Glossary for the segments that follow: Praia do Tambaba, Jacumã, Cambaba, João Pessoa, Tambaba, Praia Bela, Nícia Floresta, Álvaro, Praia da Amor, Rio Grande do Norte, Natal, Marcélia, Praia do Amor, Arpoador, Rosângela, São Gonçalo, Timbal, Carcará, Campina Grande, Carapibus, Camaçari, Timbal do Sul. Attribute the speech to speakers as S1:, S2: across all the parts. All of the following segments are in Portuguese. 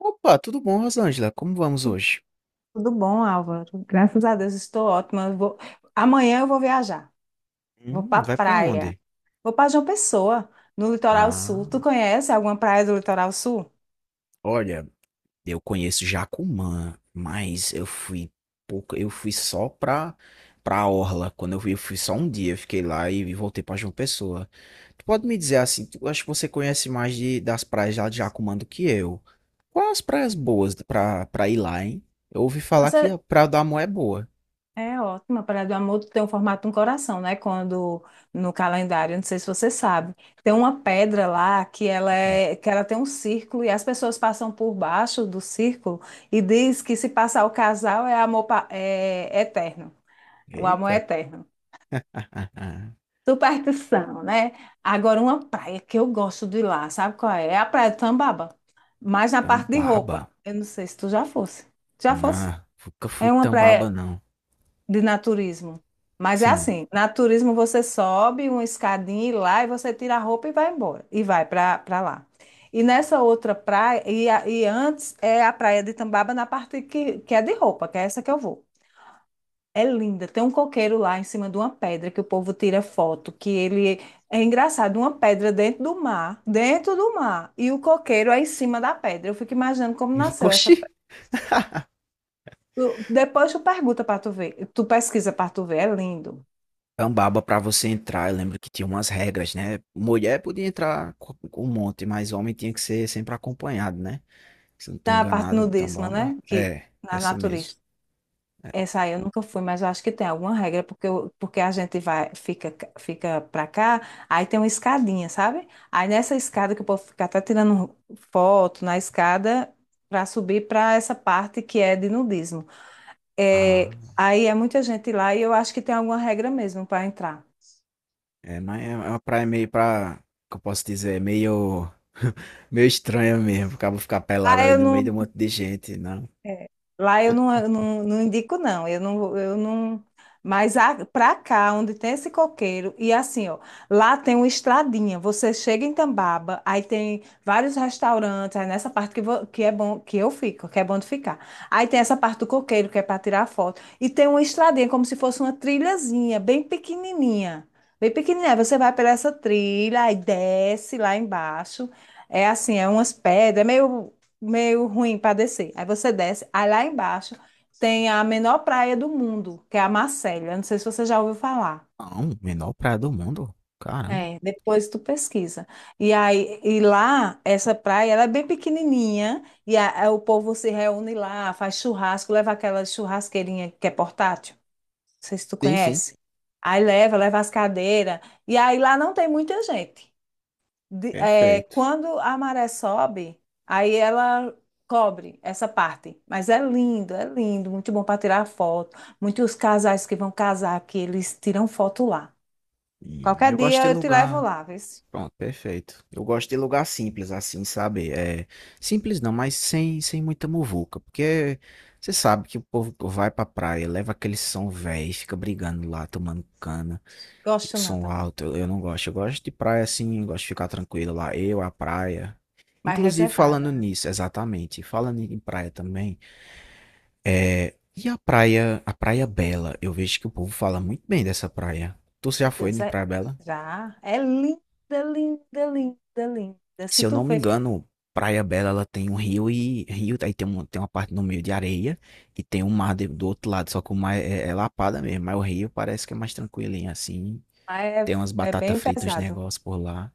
S1: Opa, tudo bom, Rosângela? Como vamos hoje?
S2: Tudo bom, Álvaro? Graças a Deus, estou ótima. Amanhã eu vou viajar. Vou para
S1: Vai pra
S2: praia.
S1: onde?
S2: Vou para João Pessoa, no litoral sul.
S1: Ah,
S2: Tu conhece alguma praia do litoral sul?
S1: olha, eu conheço Jacumã, mas eu fui pouco, eu fui só pra orla. Quando eu fui só um dia, eu fiquei lá e voltei pra João Pessoa. Tu pode me dizer assim, tu, eu acho que você conhece mais das praias lá de Jacumã do que eu. Quais as praias boas pra ir lá, hein? Eu ouvi falar que
S2: Você
S1: a Praia da Amor é boa.
S2: é ótima. A Praia do Amor tem o formato de um coração, né? Quando no calendário, não sei se você sabe, tem uma pedra lá que
S1: Hum.
S2: ela tem um círculo e as pessoas passam por baixo do círculo e diz que se passar o casal é amor pa- é é eterno. O amor é
S1: Eita.
S2: eterno. Superstição, né? Agora, uma praia que eu gosto de ir lá, sabe qual é? É a Praia do Tambaba, mas na parte de
S1: Tambaba.
S2: roupa. Eu não sei se tu já fosse. Já fosse?
S1: Não, nunca fui
S2: É uma
S1: Tambaba,
S2: praia
S1: não.
S2: de naturismo. Mas é
S1: Sim.
S2: assim, naturismo você sobe uma escadinha e lá e você tira a roupa e vai embora. E vai para lá. E nessa outra praia, antes é a praia de Tambaba na parte que é de roupa, que é essa que eu vou. É linda. Tem um coqueiro lá em cima de uma pedra que o povo tira foto, que ele é engraçado, uma pedra dentro do mar, e o coqueiro é em cima da pedra. Eu fico imaginando como nasceu essa
S1: Oxi.
S2: pedra. Depois tu pergunta para tu ver, tu pesquisa para tu ver, é lindo.
S1: Cambaba pra você entrar, eu lembro que tinha umas regras, né? Mulher podia entrar com um monte, mas homem tinha que ser sempre acompanhado, né? Se eu não tô
S2: Na parte
S1: enganado,
S2: nudismo,
S1: Tambaba.
S2: né? Que
S1: É,
S2: na
S1: essa mesmo.
S2: natureza. Essa aí eu nunca fui, mas eu acho que tem alguma regra, porque a gente vai, fica, fica pra cá, aí tem uma escadinha, sabe? Aí nessa escada que eu posso ficar até tirando foto na escada para subir para essa parte que é de nudismo. É,
S1: Ah,
S2: aí é muita gente lá e eu acho que tem alguma regra mesmo para entrar.
S1: é, mas é uma praia meio pra, que eu posso dizer, é meio, meio estranha mesmo. Acaba ficar pelado
S2: Ah,
S1: ali
S2: eu
S1: no meio de
S2: não.
S1: um monte de gente, não.
S2: É, lá eu não, não indico, não. Eu não, eu não. Pra cá, onde tem esse coqueiro, e assim, ó, lá tem uma estradinha. Você chega em Tambaba, aí tem vários restaurantes, aí nessa parte que é bom, que eu fico, que é bom de ficar. Aí tem essa parte do coqueiro, que é para tirar foto. E tem uma estradinha, como se fosse uma trilhazinha, bem pequenininha. Bem pequenininha. Você vai pela essa trilha, aí desce lá embaixo. É assim, é umas pedras, é meio ruim para descer. Aí você desce, aí lá embaixo tem a menor praia do mundo, que é a Marcélia. Eu não sei se você já ouviu falar.
S1: Não, menor praia do mundo. Caramba.
S2: É. Depois tu pesquisa. E aí, e lá, essa praia, ela é bem pequenininha, e o povo se reúne lá, faz churrasco, leva aquela churrasqueirinha que é portátil, não sei se tu
S1: Sim, sim.
S2: conhece. Aí leva, leva as cadeiras, e aí lá não tem muita gente. É,
S1: Perfeito.
S2: quando a maré sobe, aí ela cobre essa parte. Mas é lindo, muito bom para tirar foto. Muitos casais que vão casar aqui, eles tiram foto lá.
S1: E
S2: Qualquer
S1: eu gosto de
S2: dia eu te levo
S1: lugar.
S2: lá, vê.
S1: Pronto, perfeito. Eu gosto de lugar simples, assim, sabe? É, simples não, mas sem muita muvuca. Porque você sabe que o povo vai pra praia, leva aquele som velho, fica brigando lá, tomando cana, e o
S2: Gosto não
S1: som
S2: também.
S1: alto. Eu não gosto. Eu gosto de praia assim, eu gosto de ficar tranquilo lá. Eu, a praia.
S2: Mais
S1: Inclusive, falando
S2: reservada.
S1: nisso, exatamente. Falando em praia também, é, e a Praia Bela? Eu vejo que o povo fala muito bem dessa praia. Tu já
S2: Meu
S1: foi
S2: Deus,
S1: em
S2: é,
S1: Praia Bela?
S2: já é linda, linda, linda, linda.
S1: Se
S2: Se
S1: eu
S2: tu
S1: não me
S2: vê,
S1: engano, Praia Bela ela tem um rio e rio, aí tem, um, tem uma parte no meio de areia e tem um mar do outro lado, só que o mar é lapada mesmo, mas o rio parece que é mais tranquilinho assim.
S2: lá é,
S1: Tem umas
S2: é
S1: batatas
S2: bem
S1: fritas,
S2: pesado.
S1: negócio por lá.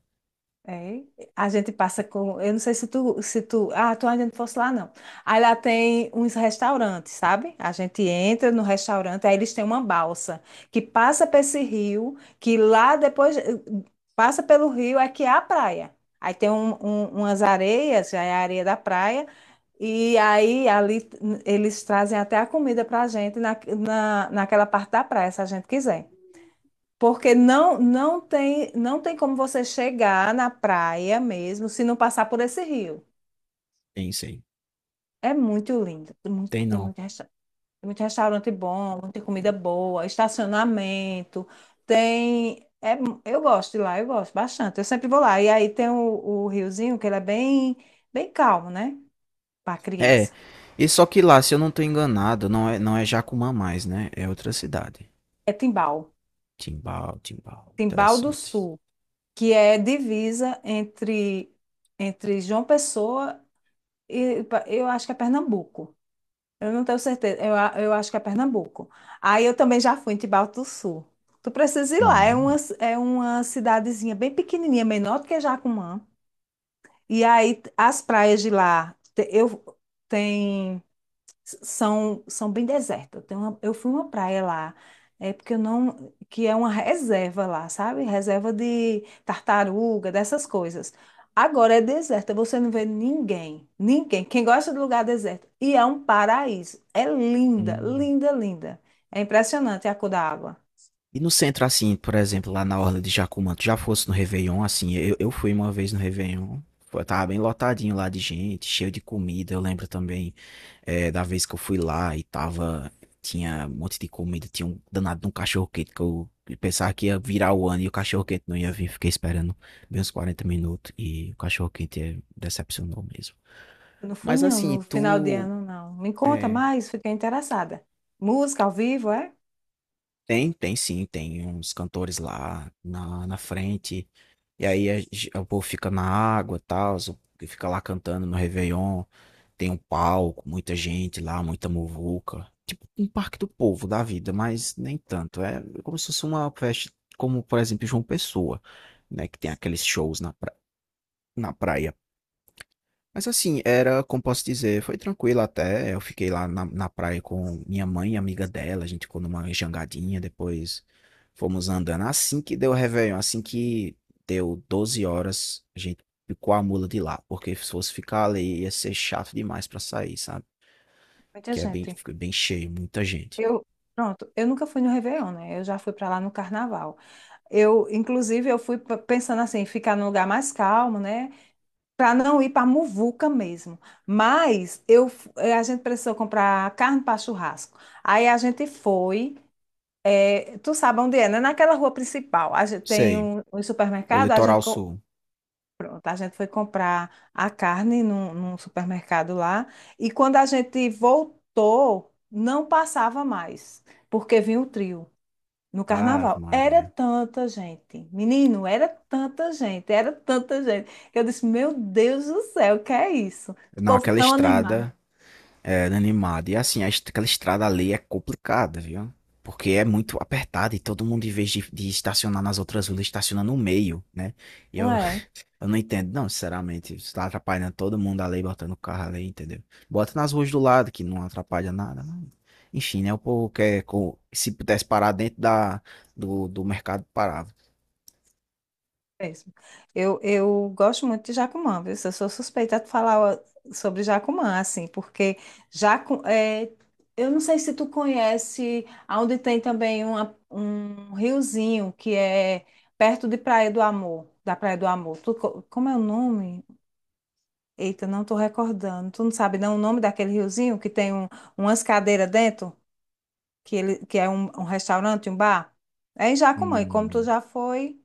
S2: É, a gente passa com, eu não sei se tu, ah, tu ainda não fosse lá não. Aí lá tem uns restaurantes, sabe? A gente entra no restaurante, aí eles têm uma balsa que passa para esse rio, que lá depois passa pelo rio é que é a praia. Aí tem umas areias, já é a areia da praia, e aí ali eles trazem até a comida para a gente naquela parte da praia, se a gente quiser. Porque não, não tem como você chegar na praia mesmo se não passar por esse rio.
S1: Tem isso aí.
S2: É muito lindo. Tem muito,
S1: Tem não.
S2: tem muito restaurante bom, muita comida boa, estacionamento. Tem. Eu gosto de lá, eu gosto bastante. Eu sempre vou lá. E aí tem o riozinho, que ele é bem, bem calmo, né? Para
S1: É.
S2: criança.
S1: E só que lá, se eu não tô enganado, não é Jacumã mais, né? É outra cidade.
S2: É Timbal.
S1: Timbal, Timbal.
S2: Timbal do
S1: Interessante.
S2: Sul, que é divisa entre, entre João Pessoa eu acho que é Pernambuco. Eu não tenho certeza. Eu acho que é Pernambuco. Aí eu também já fui em Timbal do Sul. Tu precisa ir lá.
S1: Hum,
S2: É uma cidadezinha bem pequenininha, menor do que Jacumã. As praias de lá, tem são, são bem desertas. Eu fui uma praia lá, é porque eu não, que é uma reserva lá, sabe? Reserva de tartaruga, dessas coisas. Agora é deserta, você não vê ninguém, ninguém. Quem gosta de lugar deserto. E é um paraíso. É linda,
S1: hum.
S2: linda, linda. É impressionante a cor da água.
S1: E no centro, assim, por exemplo, lá na Orla de Jacumã, tu já fosse no Réveillon, assim, eu fui uma vez no Réveillon, foi, tava bem lotadinho lá de gente, cheio de comida, eu lembro também da vez que eu fui lá e tava, tinha um monte de comida, tinha um danado de um cachorro-quente que eu pensava que ia virar o ano e o cachorro-quente não ia vir, fiquei esperando bem uns 40 minutos e o cachorro-quente decepcionou mesmo.
S2: Eu não fui,
S1: Mas
S2: não,
S1: assim,
S2: no final de
S1: tu...
S2: ano, não. Me conta
S1: eh,
S2: mais, fiquei interessada. Música ao vivo, é?
S1: tem sim, tem uns cantores lá na frente. E aí o povo fica na água e tal, o- que fica lá cantando no Réveillon. Tem um palco, muita gente lá, muita muvuca. Tipo um parque do povo da vida, mas nem tanto. É como se fosse uma festa, como por exemplo João Pessoa, né? Que tem aqueles shows na, pra- na praia. Mas assim, era, como posso dizer, foi tranquilo até. Eu fiquei lá na praia com minha mãe e amiga dela. A gente ficou numa jangadinha, depois fomos andando. Assim que deu o Réveillon, assim que deu 12 horas, a gente picou a mula de lá. Porque se fosse ficar ali, ia ser chato demais pra sair, sabe?
S2: Muita
S1: Que é bem,
S2: gente.
S1: fica bem cheio, muita gente.
S2: Eu, Pronto, eu nunca fui no Réveillon, né? Eu já fui para lá no Carnaval. Eu, inclusive, pensando assim, ficar num lugar mais calmo, né? Para não ir para muvuca mesmo. A gente precisou comprar carne para churrasco. Aí a gente foi, tu sabe onde é, né? Naquela rua principal. A gente
S1: Sei,
S2: tem um
S1: o
S2: supermercado,
S1: litoral sul.
S2: pronto, a gente foi comprar a carne num supermercado lá. E quando a gente voltou, não passava mais, porque vinha o trio. No
S1: Ave
S2: carnaval. Era
S1: Maria.
S2: tanta gente. Menino, era tanta gente, era tanta gente. Que eu disse, meu Deus do céu, o que é isso? O
S1: Não,
S2: povo
S1: aquela
S2: tão animado.
S1: estrada. Era animado. E assim, aquela estrada ali é complicada, viu? Porque é muito apertada e todo mundo, em vez de estacionar nas outras ruas, estaciona no meio, né? E
S2: Não
S1: eu,
S2: é
S1: eu não entendo, não, sinceramente. Isso tá atrapalhando todo mundo ali, botando o carro ali, entendeu? Bota nas ruas do lado, que não atrapalha nada. Não. Enfim, né? O povo quer. Se pudesse parar dentro do mercado, parava.
S2: é mesmo. Eu gosto muito de Jacumã, viu? Eu sou suspeita de falar ó, sobre Jacumã, assim, porque é, eu não sei se tu conhece, onde tem também um riozinho que é perto de Praia do Amor, da Praia do Amor. Como é o nome? Eita, não tô recordando. Tu não sabe não o nome daquele riozinho que tem umas cadeiras dentro, que é um restaurante, um bar? É em Jacumã, e como tu
S1: Hum.
S2: já foi,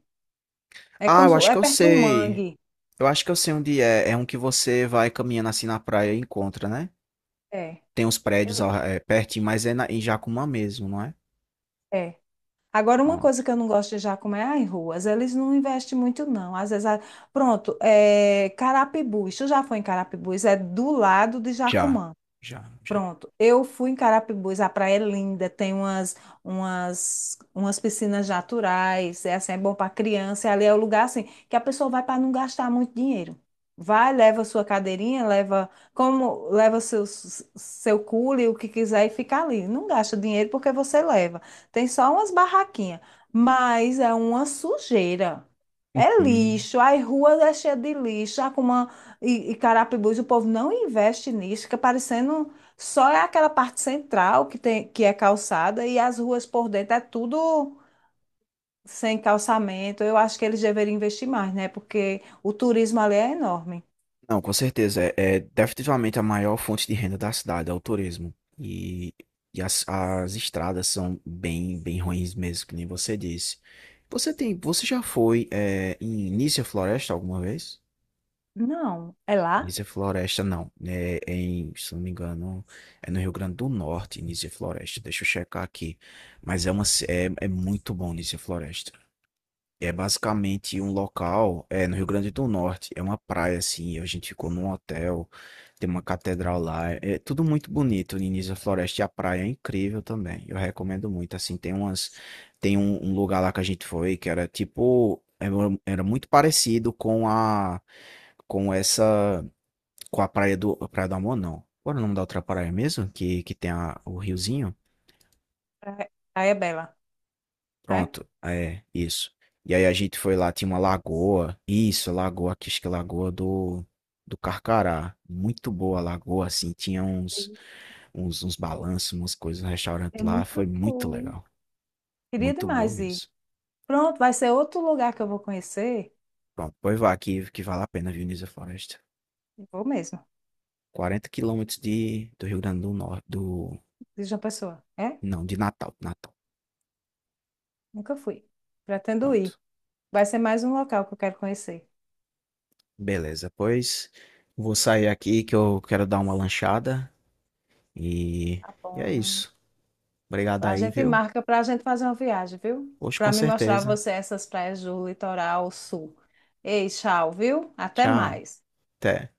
S2: é
S1: Ah,
S2: como
S1: eu
S2: se-
S1: acho que
S2: é
S1: eu
S2: perto do
S1: sei.
S2: mangue.
S1: Eu acho que eu sei onde é. É um que você vai caminhando assim na praia e encontra, né?
S2: É.
S1: Tem uns prédios
S2: eu-
S1: pertinho, mas é na, em Jacumã mesmo, não é?
S2: É. Agora, uma coisa
S1: Pronto.
S2: que eu não gosto de Jacumã é as ruas. Eles não investem muito, não. Pronto, é Carapibus. Tu já foi em Carapibus? É do lado de
S1: Já,
S2: Jacumã.
S1: já, já.
S2: Pronto, eu fui em Carapibus, a praia é linda, tem umas piscinas naturais, é assim, é bom para criança, e ali é o lugar assim que a pessoa vai para não gastar muito dinheiro. Vai, leva sua cadeirinha, leva como leva seu cule, o que quiser e fica ali. Não gasta dinheiro porque você leva. Tem só umas barraquinhas, mas é uma sujeira. É
S1: Uhum.
S2: lixo, as ruas é cheia de lixo, a Cuma e Carapibus, o povo não investe nisso, fica parecendo só é aquela parte central que tem, que é calçada e as ruas por dentro é tudo sem calçamento. Eu acho que eles deveriam investir mais, né? Porque o turismo ali é enorme.
S1: Não, com certeza. É definitivamente a maior fonte de renda da cidade, é o turismo. E, e as estradas são bem, bem ruins mesmo, que nem você disse. Você tem, você já foi em Nícia Floresta alguma vez?
S2: Não, é lá?
S1: Nícia Floresta, não. É é em, se não me engano, é no Rio Grande do Norte, Nícia Floresta. Deixa eu checar aqui. Mas é muito bom Nícia Floresta. É basicamente um local, é no Rio Grande do Norte, é uma praia assim, a gente ficou num hotel, tem uma catedral lá, é tudo muito bonito, no início da floresta e a praia é incrível também. Eu recomendo muito, assim, tem umas tem um lugar lá que a gente foi que era tipo era, era muito parecido com essa com a Praia do Amor, não. Qual era o nome da outra praia mesmo? Que tem a, o riozinho?
S2: É- Aí é Bela, é?
S1: Pronto, é, isso. E aí a gente foi lá, tinha uma lagoa. Isso, lagoa, aqui, acho que é lagoa do, do Carcará. Muito boa a lagoa, assim, tinha uns balanços, umas coisas, um restaurante
S2: Eu
S1: lá.
S2: nunca
S1: Foi muito
S2: fui.
S1: legal.
S2: Queria
S1: Muito boa
S2: demais ir.
S1: mesmo.
S2: Pronto, vai ser outro lugar que eu vou conhecer.
S1: Pronto, pois vá aqui, que vale a pena, viu, Nisa Floresta.
S2: Vou mesmo,
S1: 40 quilômetros de, do Rio Grande do Norte, do...
S2: diz uma pessoa. É?
S1: Não, de Natal, Natal.
S2: Nunca fui. Pretendo ir.
S1: Pronto.
S2: Vai ser mais um local que eu quero conhecer.
S1: Beleza, pois vou sair aqui que eu quero dar uma lanchada e,
S2: Tá
S1: e é
S2: bom.
S1: isso. Obrigado
S2: A
S1: aí,
S2: gente
S1: viu?
S2: marca para a gente fazer uma viagem, viu?
S1: Hoje com
S2: Para me mostrar a
S1: certeza.
S2: você essas praias do litoral sul. Ei, tchau, viu? Até
S1: Tchau.
S2: mais.
S1: Até.